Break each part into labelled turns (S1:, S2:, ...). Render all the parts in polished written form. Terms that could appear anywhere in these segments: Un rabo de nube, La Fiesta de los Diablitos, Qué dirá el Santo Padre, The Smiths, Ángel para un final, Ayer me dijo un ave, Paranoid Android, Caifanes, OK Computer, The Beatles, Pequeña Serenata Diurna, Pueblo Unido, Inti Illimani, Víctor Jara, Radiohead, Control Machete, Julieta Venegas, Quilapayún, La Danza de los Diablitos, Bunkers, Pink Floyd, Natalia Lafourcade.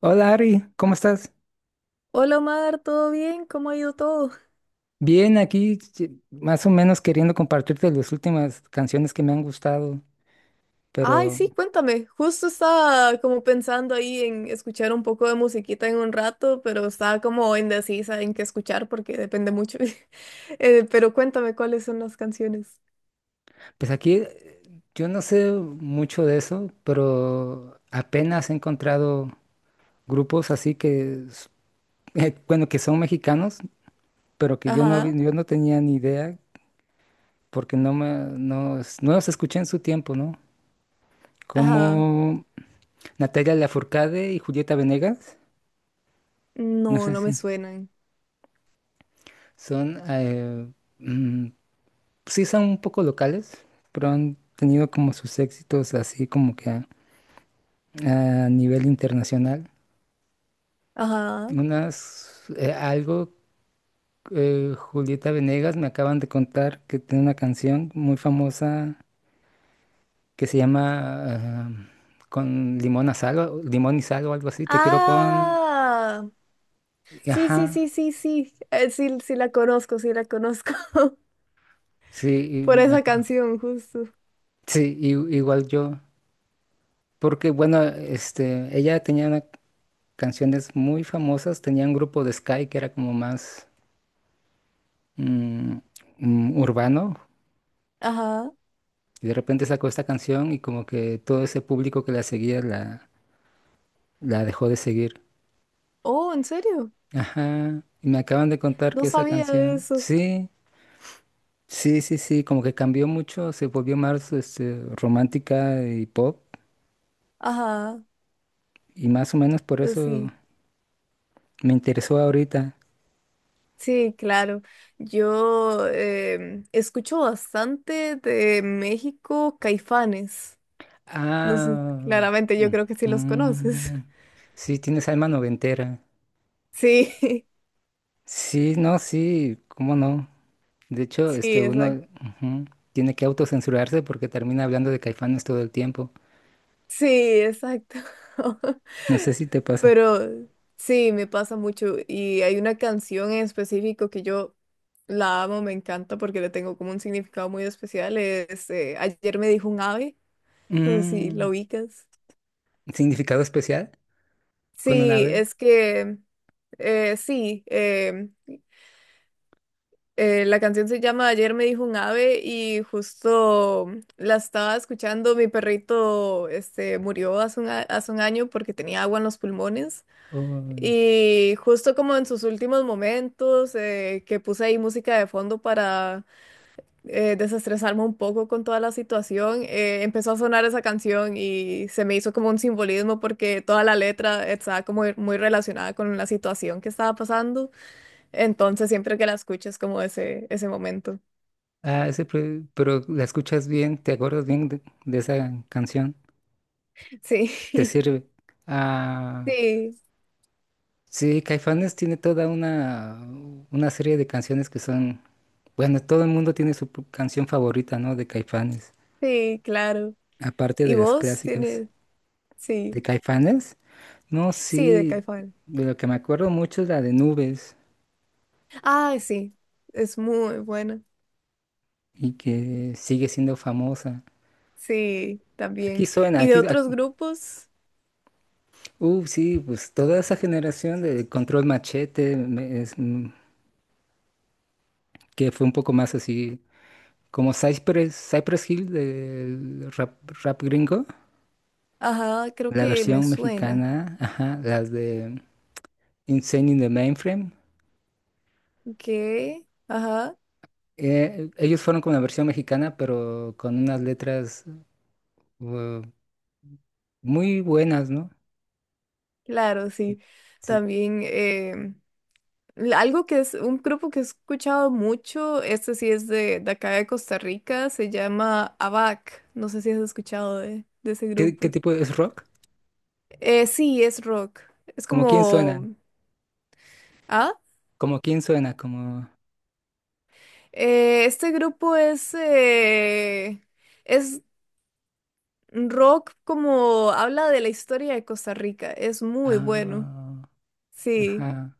S1: Hola Ari, ¿cómo estás?
S2: Hola Omar, ¿todo bien? ¿Cómo ha ido todo?
S1: Bien, aquí sí, más o menos queriendo compartirte las últimas canciones que me han gustado,
S2: Ay,
S1: pero
S2: sí, cuéntame. Justo estaba como pensando ahí en escuchar un poco de musiquita en un rato, pero estaba como indecisa en qué escuchar porque depende mucho. Pero cuéntame cuáles son las canciones.
S1: pues aquí yo no sé mucho de eso, pero apenas he encontrado grupos así que, bueno, que son mexicanos, pero que yo no,
S2: Ajá,
S1: vi- yo no tenía ni idea porque no, me, no, es- no los escuché en su tiempo, ¿no?
S2: ajá.
S1: Como Natalia Lafourcade y Julieta Venegas, no
S2: No,
S1: sé
S2: no me
S1: si
S2: suenan.
S1: son... eh, mm, sí son un poco locales, pero han tenido como sus éxitos así como que a nivel internacional.
S2: Ajá.
S1: Unas, algo, Julieta Venegas me acaban de contar que tiene una canción muy famosa que se llama Con limón a sal, limón y sal o algo así, te quiero con,
S2: Ah,
S1: y
S2: sí, sí,
S1: ajá,
S2: sí, sí, sí. Sí, sí la conozco, sí la conozco.
S1: sí, y
S2: Por
S1: me
S2: esa
S1: acá.
S2: canción, justo.
S1: Sí, igual yo. Porque bueno, este, ella tenía canciones muy famosas, tenía un grupo de Sky que era como más mm, urbano,
S2: Ajá.
S1: y de repente sacó esta canción y como que todo ese público que la seguía, la dejó de seguir.
S2: Oh, ¿en serio?
S1: Ajá, y me acaban de contar
S2: No
S1: que esa
S2: sabía de
S1: canción,
S2: eso.
S1: sí, sí, sí, sí, como que cambió mucho, se volvió más este, romántica y pop,
S2: Ajá,
S1: y más o menos por
S2: pues
S1: eso
S2: sí,
S1: me interesó ahorita.
S2: sí, claro. Yo escucho bastante de México Caifanes. No sé,
S1: Ah,
S2: claramente yo
S1: ujú.
S2: creo que sí los conoces.
S1: Sí, tienes alma noventera.
S2: Sí,
S1: Sí, no, sí, cómo no. De hecho,
S2: sí,
S1: este uno,
S2: exacto.
S1: ujú, tiene que autocensurarse porque termina hablando de Caifanes todo el tiempo.
S2: Sí, exacto.
S1: No sé si te pasa.
S2: Pero sí, me pasa mucho. Y hay una canción en específico que yo la amo, me encanta porque le tengo como un significado muy especial. Es Ayer me dijo un ave. No sé si la
S1: Mm,
S2: ubicas.
S1: ¿Significado especial con un
S2: Sí,
S1: ave?
S2: es que sí, la canción se llama Ayer me dijo un ave y justo la estaba escuchando. Mi perrito este, murió hace un año porque tenía agua en los pulmones.
S1: Oh,
S2: Y justo como en sus últimos momentos, que puse ahí música de fondo para desestresarme un poco con toda la situación, empezó a sonar esa canción y se me hizo como un simbolismo porque toda la letra estaba como muy relacionada con la situación que estaba pasando. Entonces, siempre que la escucho es como ese momento.
S1: ese pero la escuchas bien, te acuerdas bien de esa canción. Te
S2: Sí,
S1: sirve. Ah,
S2: sí,
S1: sí, Caifanes tiene toda una serie de canciones que son. Bueno, todo el mundo tiene su canción favorita, ¿no? De Caifanes.
S2: sí, claro.
S1: Aparte
S2: ¿Y
S1: de las
S2: vos
S1: clásicas.
S2: tienes? Sí,
S1: ¿De Caifanes? No,
S2: sí, de
S1: sí,
S2: Caifán.
S1: de lo que me acuerdo mucho es la de Nubes,
S2: Ah, sí, es muy buena.
S1: y que sigue siendo famosa.
S2: Sí,
S1: Aquí
S2: también.
S1: suena,
S2: ¿Y de
S1: aquí,
S2: otros grupos?
S1: sí, pues toda esa generación de Control Machete, es, que fue un poco más así, como Cypress Hill del rap, rap gringo,
S2: Ajá, creo
S1: la
S2: que me
S1: versión
S2: suena.
S1: mexicana, ajá, las de Insane in the Mainframe.
S2: ¿Qué? Ajá,
S1: Ellos fueron con la versión mexicana, pero con unas letras uh, muy buenas, ¿no?
S2: claro, sí.
S1: Sí.
S2: También algo que es un grupo que he escuchado mucho, este sí es de acá de Costa Rica, se llama ABAC. No sé si has escuchado de ese
S1: ¿Qué
S2: grupo.
S1: tipo es rock?
S2: Sí, es rock. Es
S1: Como quién suena,
S2: como... ¿Ah?
S1: como quién suena, como.
S2: Este grupo es rock, como habla de la historia de Costa Rica. Es muy bueno.
S1: Ah,
S2: Sí.
S1: ajá,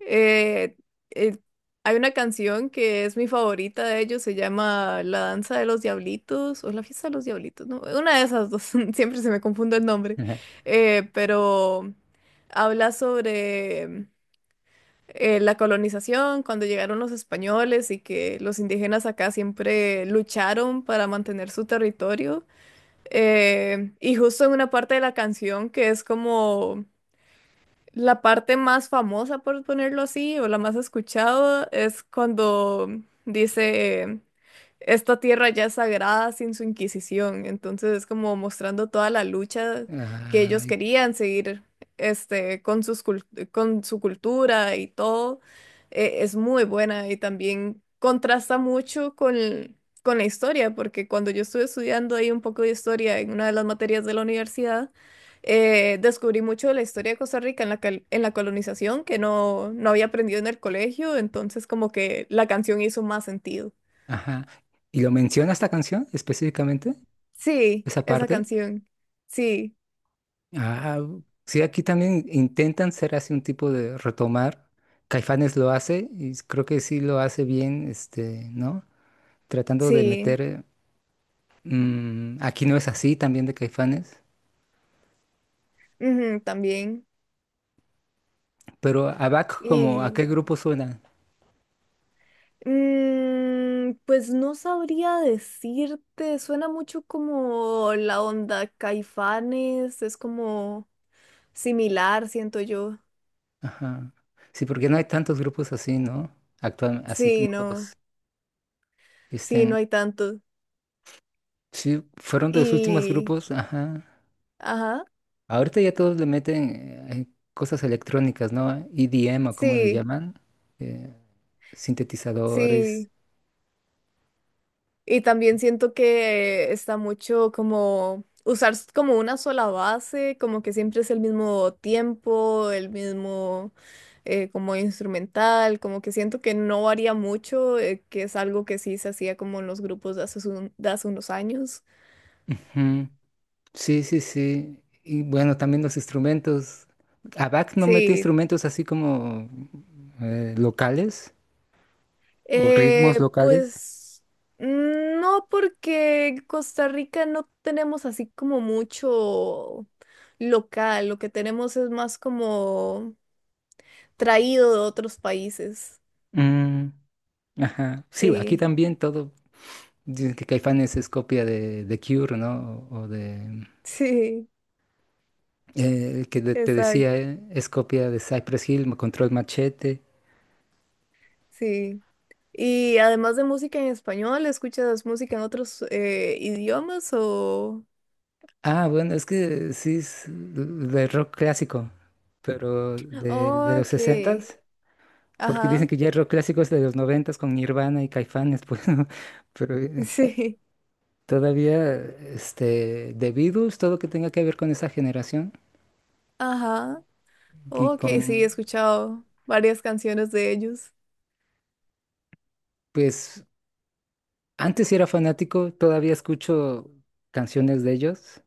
S2: Eh, eh, Hay una canción que es mi favorita de ellos, se llama La Danza de los Diablitos o La Fiesta de los Diablitos, ¿no? Una de esas dos, siempre se me confunde el nombre.
S1: ajá,
S2: Pero habla sobre la colonización, cuando llegaron los españoles y que los indígenas acá siempre lucharon para mantener su territorio. Y justo en una parte de la canción que es como... La parte más famosa, por ponerlo así, o la más escuchada, es cuando dice, esta tierra ya es sagrada sin su Inquisición. Entonces es como mostrando toda la lucha que ellos
S1: ay,
S2: querían seguir, este, con su cultura y todo. Es muy buena y también contrasta mucho con la historia, porque cuando yo estuve estudiando ahí un poco de historia en una de las materias de la universidad, descubrí mucho de la historia de Costa Rica en la colonización que no, no había aprendido en el colegio, entonces como que la canción hizo más sentido.
S1: ajá. ¿Y lo menciona esta canción específicamente?
S2: Sí,
S1: ¿Esa
S2: esa
S1: parte?
S2: canción. Sí,
S1: Ah, sí, aquí también intentan ser así un tipo de retomar. Caifanes lo hace y creo que sí lo hace bien, este, ¿no? Tratando de
S2: sí,
S1: meter. Aquí no es así también de Caifanes,
S2: ujú, también.
S1: pero ABAC, como ¿a
S2: Y
S1: qué grupo suena?
S2: pues no sabría decirte, suena mucho como la onda Caifanes, es como similar, siento yo.
S1: Ajá. Sí, porque no hay tantos grupos así, ¿no? Actual, así, no.
S2: Sí, no, sí,
S1: Este,
S2: no hay tanto.
S1: sí, fueron de los últimos
S2: Y,
S1: grupos, ajá.
S2: ajá,
S1: Ahorita ya todos le meten cosas electrónicas, ¿no? EDM, o como le
S2: sí.
S1: llaman, eh, sintetizadores.
S2: Sí, y también siento que está mucho como usar como una sola base, como que siempre es el mismo tiempo, el mismo como instrumental, como que siento que no varía mucho, que es algo que sí se hacía como en los grupos de hace unos años.
S1: Ujú. Sí, sí, sí. Y bueno, también los instrumentos. ABAC no mete
S2: Sí,
S1: instrumentos así como locales o ritmos locales.
S2: pues no, porque en Costa Rica no tenemos así como mucho local, lo que tenemos es más como... traído de otros países.
S1: Mm, ajá. Sí, aquí
S2: Sí,
S1: también todo. Dicen que Caifanes es copia de Cure, ¿no? O de
S2: sí,
S1: que te decía,
S2: exacto,
S1: es copia de Cypress Hill, Control Machete.
S2: sí. Y además de música en español, ¿escuchas música en otros idiomas o...?
S1: Ah, bueno, es que sí es de rock clásico, pero de
S2: Oh,
S1: los
S2: ok,
S1: sesentas, porque dicen
S2: ajá,
S1: que ya el rock clásico es de los noventas con Nirvana y Caifanes, pues, ¿no? Pero
S2: sí,
S1: todavía este, The Beatles, todo lo que tenga que ver con esa generación,
S2: ajá,
S1: y
S2: oh, ok, sí, he
S1: con,
S2: escuchado varias canciones de ellos.
S1: pues, antes sí era fanático, todavía escucho canciones de ellos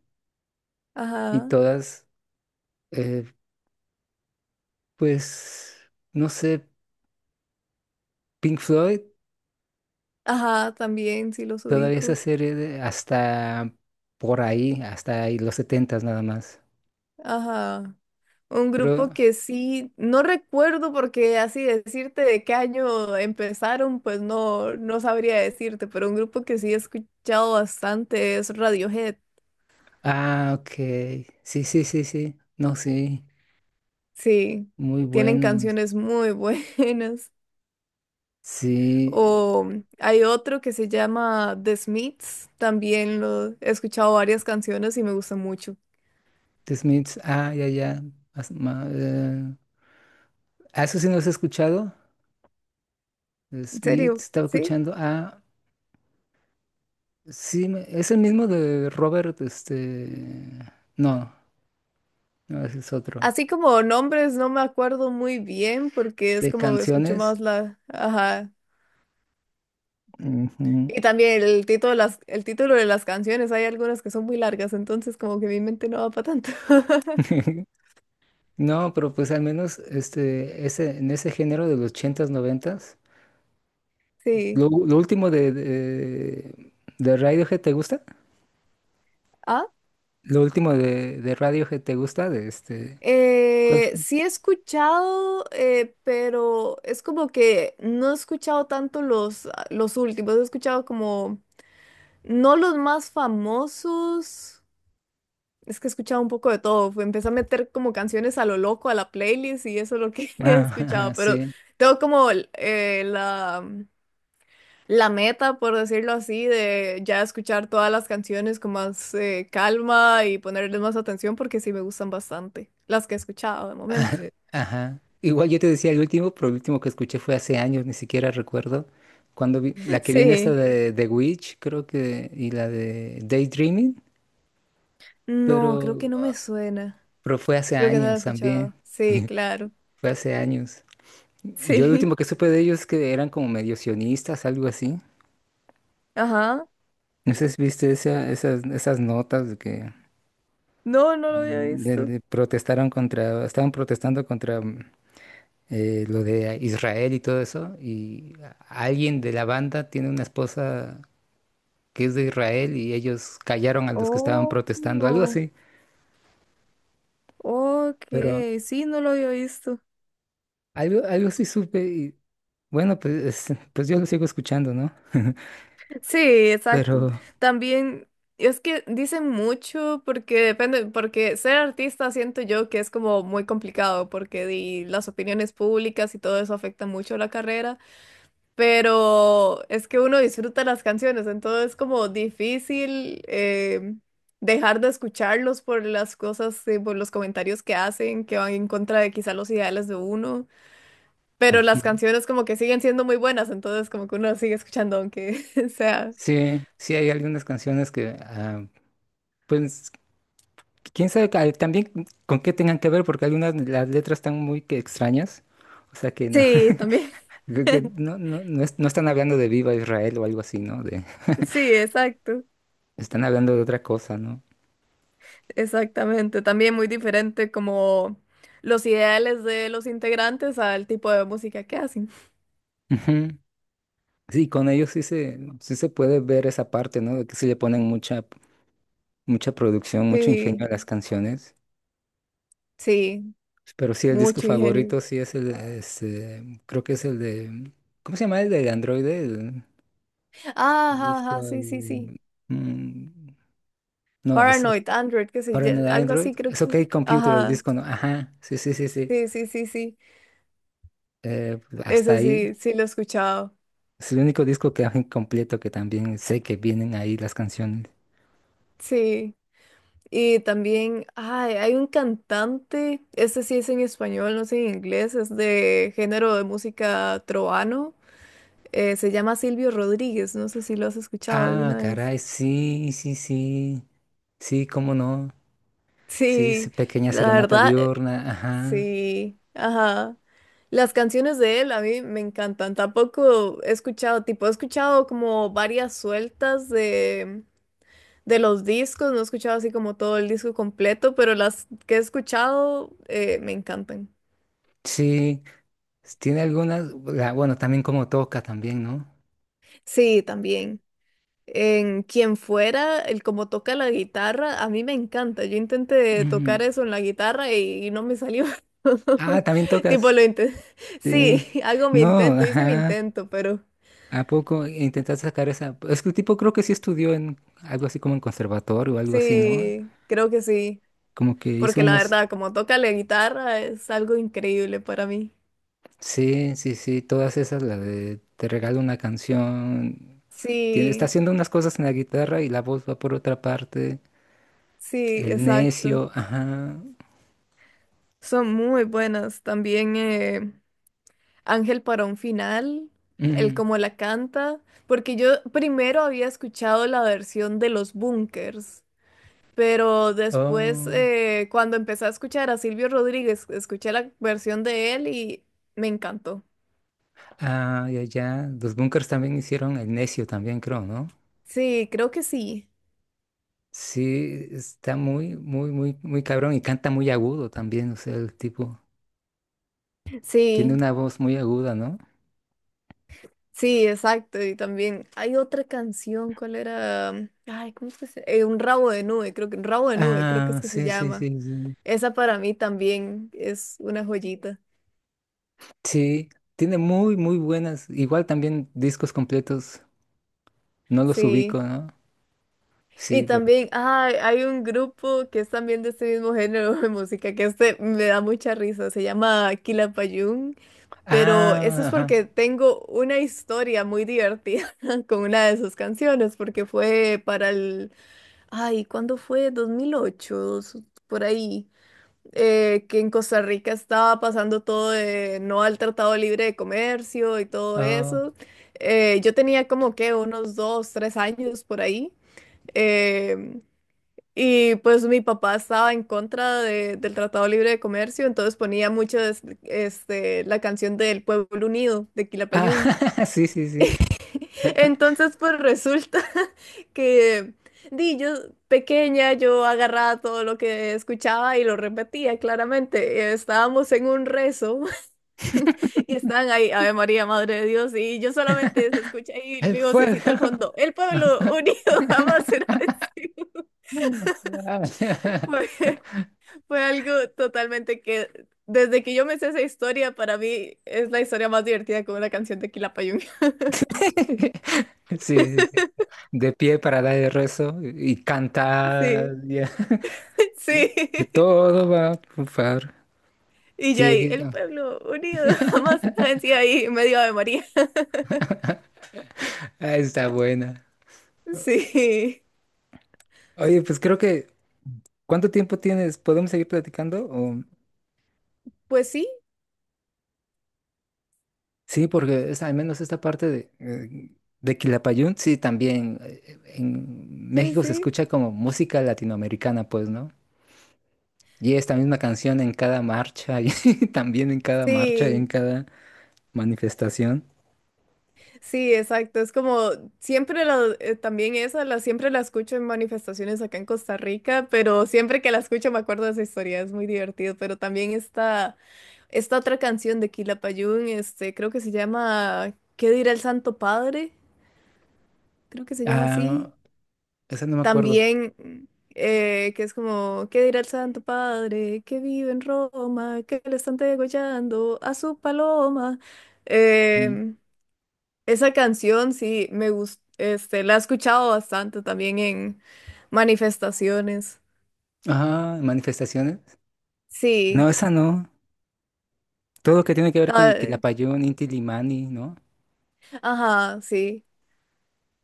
S1: y
S2: Ajá,
S1: todas, eh, pues, no sé. Pink Floyd,
S2: ajá, también, sí los
S1: todavía esa
S2: ubico.
S1: serie hasta por ahí, hasta ahí, los setentas nada más.
S2: Ajá. Un
S1: Pero,
S2: grupo que sí, no recuerdo porque así decirte de qué año empezaron, pues no, no sabría decirte, pero un grupo que sí he escuchado bastante es Radiohead.
S1: ah, ok. Sí, sí, sí, sí. No, sí.
S2: Sí,
S1: Muy
S2: tienen
S1: buenos.
S2: canciones muy buenas.
S1: Sí.
S2: O hay otro que se llama The Smiths, también lo he escuchado varias canciones y me gusta mucho.
S1: The Smiths, ah, ya, ya. as- ma- eh, Eso sí no los he escuchado. The
S2: En
S1: Smiths,
S2: serio,
S1: estaba
S2: sí.
S1: escuchando. Ah, sí, es el mismo de Robert, este. No, no, ese es otro.
S2: Así como nombres no me acuerdo muy bien porque es
S1: De
S2: como escucho
S1: canciones.
S2: más la, ajá.
S1: Ujú.
S2: Y también el título de las, el título de las canciones, hay algunas que son muy largas, entonces como que mi mente no va para tanto.
S1: No, pero pues al menos este, ese, en ese género de los ochentas, noventas.
S2: Sí.
S1: Lo último de Radiohead, ¿te gusta?
S2: Ah,
S1: Lo último de Radiohead, ¿te gusta? De este. ¿Cuál fue?
S2: sí he escuchado, pero es como que no he escuchado tanto los últimos, he escuchado como, no los más famosos, es que he escuchado un poco de todo, empecé a meter como canciones a lo loco a la playlist y eso es lo que he
S1: Ah, ajá,
S2: escuchado, pero
S1: sí.
S2: tengo como la meta, por decirlo así, de ya escuchar todas las canciones con más calma y ponerles más atención porque sí me gustan bastante, las que he escuchado de momento.
S1: Ajá. Igual yo te decía el último, pero el último que escuché fue hace años, ni siquiera recuerdo. Cuando la que viene esta
S2: Sí,
S1: de The Witch, creo que, y la de Daydreaming,
S2: no, creo
S1: pero,
S2: que no me suena.
S1: pero fue hace
S2: Creo que no la he
S1: años también.
S2: escuchado. Sí, claro.
S1: Fue hace años. Yo lo
S2: Sí,
S1: último que supe de ellos es que eran como medio sionistas, algo así.
S2: ajá.
S1: No sé si viste esas notas de que
S2: No, no lo había
S1: de-
S2: visto.
S1: de protestaron contra, estaban protestando contra lo de Israel y todo eso. Y alguien de la banda tiene una esposa que es de Israel y ellos callaron a los que estaban protestando, algo
S2: Oh,
S1: así.
S2: ok,
S1: Pero
S2: sí, no lo había visto.
S1: algo sí supe y bueno, pues, pues yo lo sigo escuchando, ¿no?
S2: Sí, exacto.
S1: Pero
S2: También es que dicen mucho porque depende, porque ser artista siento yo que es como muy complicado porque las opiniones públicas y todo eso afecta mucho la carrera, pero es que uno disfruta las canciones, entonces es como difícil dejar de escucharlos por las cosas, por los comentarios que hacen, que van en contra de quizá los ideales de uno, pero
S1: ujú,
S2: las canciones como que siguen siendo muy buenas, entonces como que uno las sigue escuchando aunque sea.
S1: sí, sí hay algunas canciones pues quién sabe también con qué tengan que ver, porque algunas de las letras están muy que extrañas. O sea que no,
S2: Sí, también.
S1: creo que no, no, no, no están hablando de Viva Israel o algo así, ¿no? De,
S2: Sí, exacto.
S1: están hablando de otra cosa, ¿no?
S2: Exactamente. También muy diferente como los ideales de los integrantes al tipo de música que hacen.
S1: Ujú. Sí, con ellos sí se, puede ver esa parte, ¿no? De que sí le ponen mucha, mucha producción, mucho ingenio
S2: Sí,
S1: a las canciones.
S2: sí,
S1: Pero sí, el disco
S2: mucho ingenio.
S1: favorito sí es el, este, creo que es el de, ¿cómo se llama el del androide? El
S2: Ajá,
S1: disco,
S2: ajá, sí, sí, sí.
S1: mm, no, es.
S2: Paranoid, Android, ¿qué sé
S1: Para
S2: yo?
S1: un
S2: Algo
S1: Android,
S2: así creo
S1: es OK
S2: que.
S1: Computer, el
S2: Ajá,
S1: disco, no. Ajá, sí, sí, sí, sí.
S2: sí, sí, sí, sí.
S1: Eh, Hasta
S2: Ese
S1: ahí.
S2: sí, sí lo he escuchado.
S1: Es el único disco que hay completo, que también sé que vienen ahí las canciones.
S2: Sí. Y también, ay, hay un cantante, este sí es en español, no sé en inglés, es de género de música trovano. Se llama Silvio Rodríguez, no sé si lo has escuchado
S1: Ah,
S2: alguna vez.
S1: caray, sí, sí, sí. Sí, cómo no. Sí, sí,
S2: Sí,
S1: Pequeña
S2: la
S1: Serenata
S2: verdad,
S1: Diurna, ajá.
S2: sí, ajá. Las canciones de él a mí me encantan. Tampoco he escuchado, tipo, he escuchado como varias sueltas de los discos, no he escuchado así como todo el disco completo, pero las que he escuchado me encantan.
S1: Sí, tiene algunas. Bueno, también como toca también, ¿no?
S2: Sí, también. En quien fuera, el como toca la guitarra, a mí me encanta. Yo intenté tocar
S1: Ujú.
S2: eso en la guitarra y no me salió.
S1: Ah, también
S2: Tipo,
S1: tocas.
S2: lo intenté.
S1: Sí.
S2: Sí, hago mi
S1: No,
S2: intento, hice mi
S1: ajá.
S2: intento, pero
S1: ¿A poco intentaste sacar esa? Es que el tipo creo que sí estudió en algo así como en conservatorio o algo así, ¿no?
S2: sí, creo que sí.
S1: Como que hizo
S2: Porque la
S1: unos.
S2: verdad, como toca la guitarra es algo increíble para mí.
S1: Sí, sí, sí, todas esas, la de te regalo una canción. Tiene, está
S2: Sí,
S1: haciendo unas cosas en la guitarra y la voz va por otra parte.
S2: sí,
S1: El
S2: exacto.
S1: necio, ajá.
S2: Son muy buenas también. Ángel para un final, el
S1: Mm,
S2: cómo la canta, porque yo primero había escuchado la versión de los Bunkers, pero después
S1: oh,
S2: cuando empecé a escuchar a Silvio Rodríguez, escuché la versión de él y me encantó.
S1: ah, ya, ya. Los Bunkers también hicieron el necio también, creo, ¿no?
S2: Sí, creo que sí.
S1: Sí, está muy, muy, muy, muy cabrón y canta muy agudo también, o sea, el tipo tiene
S2: Sí,
S1: una voz muy aguda, ¿no?
S2: sí, exacto. Y también hay otra canción, ¿cuál era? Ay, ¿cómo es que se un rabo de nube, creo que un rabo de nube, creo que
S1: Ah,
S2: es que se
S1: sí, sí,
S2: llama.
S1: sí, sí.
S2: Esa para mí también es una joyita.
S1: Sí, tiene muy, muy buenas. Igual también discos completos. No los ubico,
S2: Sí.
S1: ¿no?
S2: Y
S1: Sí, pero.
S2: también, ah, hay un grupo que es también de este mismo género de música, que este me da mucha risa, se llama Quilapayún, pero eso
S1: Ah,
S2: es
S1: ajá.
S2: porque tengo una historia muy divertida con una de sus canciones, porque fue para el, ay, ¿cuándo fue? 2008, por ahí, que en Costa Rica estaba pasando todo de no al Tratado Libre de Comercio y todo
S1: Oh.
S2: eso. Yo tenía como que unos dos, tres años por ahí. eh, y pues mi papá estaba en contra del Tratado Libre de Comercio, entonces ponía mucho este, la canción del Pueblo Unido de
S1: Ah,
S2: Quilapayún.
S1: sí, sí, sí.
S2: Entonces pues resulta que di, yo pequeña, yo agarraba todo lo que escuchaba y lo repetía claramente. Estábamos en un rezo y estaban ahí, Ave María, Madre de Dios, y yo solamente se escucha ahí
S1: El
S2: mi vocecita al
S1: fuego.
S2: fondo, el Pueblo Unido jamás será vencido.
S1: Mm. Ah.
S2: Fue algo totalmente que, desde que yo me sé esa historia, para mí es la historia más divertida con una canción de Quilapayún.
S1: Sí, sí, sí. De pie para dar el rezo y
S2: Sí,
S1: cantar. Ya. Sí. Que
S2: sí.
S1: todo va a triunfar.
S2: Y yo
S1: Sí,
S2: ahí,
S1: aquí
S2: el
S1: está.
S2: pueblo unido jamás venció ahí, medio de María.
S1: Ah, está buena.
S2: Sí.
S1: Oye, pues creo que. ¿Cuánto tiempo tienes? ¿Podemos seguir platicando? O.
S2: Pues sí,
S1: Sí, porque es, al menos esta parte de, de Quilapayún, sí, también en
S2: sí,
S1: México se
S2: sí.
S1: escucha como música latinoamericana, pues, ¿no? Y esta misma canción en cada marcha, y también en cada marcha y en
S2: Sí.
S1: cada manifestación.
S2: Sí, exacto. Es como siempre la, también esa, la, siempre la escucho en manifestaciones acá en Costa Rica, pero siempre que la escucho me acuerdo de esa historia, es muy divertido. Pero también está esta otra canción de Quilapayún, este, creo que se llama ¿Qué dirá el Santo Padre? Creo que se llama así.
S1: Ah, esa no me acuerdo.
S2: También, que es como ¿Qué dirá el Santo Padre? Que vive en Roma, que le están degollando a su paloma.
S1: Mm.
S2: Em, Esa canción sí me gusta, este, la he escuchado bastante también en manifestaciones.
S1: Ah, manifestaciones. No,
S2: Sí,
S1: esa no. Todo lo que tiene que ver con
S2: ah,
S1: Quilapayún, Inti Illimani, ¿no?
S2: ajá, sí.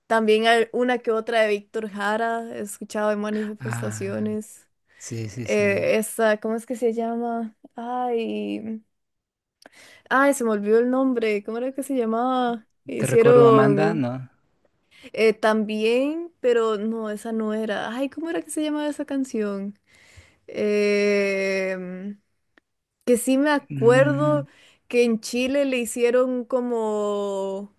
S2: También hay una que otra de Víctor Jara he escuchado en
S1: Ah,
S2: manifestaciones.
S1: sí, sí, sí.
S2: Esa, ¿cómo es que se llama? Ay, ay, se me olvidó el nombre. ¿Cómo era que se llamaba?
S1: ¿Te recuerdo, Amanda?
S2: Hicieron
S1: No.
S2: también, pero no, esa no era. Ay, ¿cómo era que se llamaba esa canción? Eh, Que sí me
S1: Mm,
S2: acuerdo que en Chile le hicieron como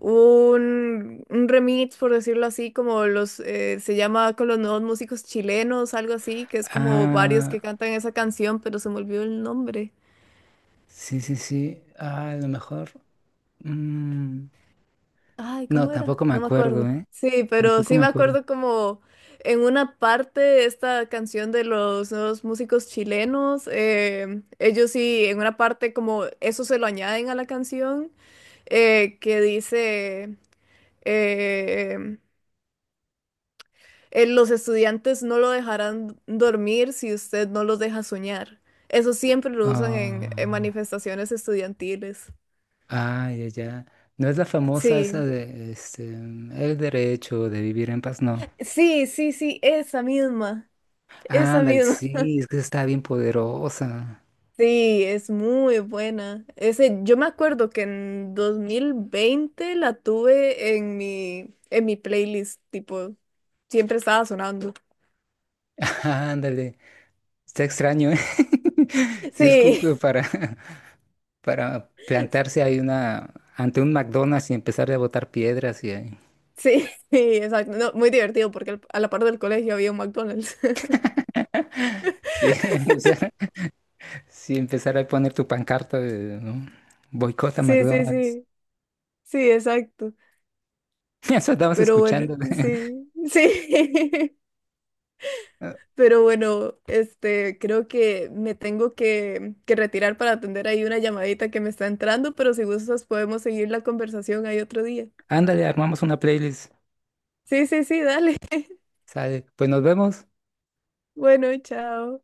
S2: un remix, por decirlo así, como se llama con los nuevos músicos chilenos, algo así, que es como varios
S1: ah,
S2: que cantan esa canción, pero se me olvidó el nombre.
S1: sí, sí, sí. Ah, a lo mejor. Mm,
S2: Ay,
S1: no,
S2: ¿cómo era?
S1: tampoco me
S2: No me
S1: acuerdo,
S2: acuerdo.
S1: ¿eh?
S2: Sí, pero
S1: Tampoco
S2: sí
S1: me
S2: me
S1: acuerdo.
S2: acuerdo como en una parte esta canción de los nuevos músicos chilenos, ellos sí, en una parte como eso se lo añaden a la canción. Que dice, eh, los estudiantes no lo dejarán dormir si usted no los deja soñar. Eso siempre lo usan en
S1: Ah,
S2: manifestaciones estudiantiles.
S1: ah, ya, ya. No es la famosa esa
S2: Sí,
S1: de este, el derecho de vivir en paz, no.
S2: sí, sí, sí, esa misma, esa
S1: Ándale,
S2: misma.
S1: sí, es que está bien poderosa.
S2: Sí, es muy buena. Ese, yo me acuerdo que en 2020 la tuve en mi playlist, tipo, siempre estaba sonando.
S1: Ándale, está extraño, ¿eh? Sí, es como
S2: Sí.
S1: que para, para plantarse ahí una, ante un McDonald's y empezar a botar piedras y ahí.
S2: Sí, exacto. No, muy divertido porque a la par del colegio había un McDonald's.
S1: Sí, o sea, si empezara a poner tu pancarta de, ¿no? Boicota
S2: Sí, sí,
S1: McDonald's.
S2: sí. Sí, exacto.
S1: Eso andabas
S2: Pero bueno,
S1: escuchando.
S2: sí, sí. Pero bueno, este, creo que me tengo que retirar para atender ahí una llamadita que me está entrando, pero si gustas podemos seguir la conversación ahí otro día.
S1: Ándale, armamos una playlist.
S2: Sí, sí, sí, dale.
S1: Sale. Pues nos vemos.
S2: Bueno, chao.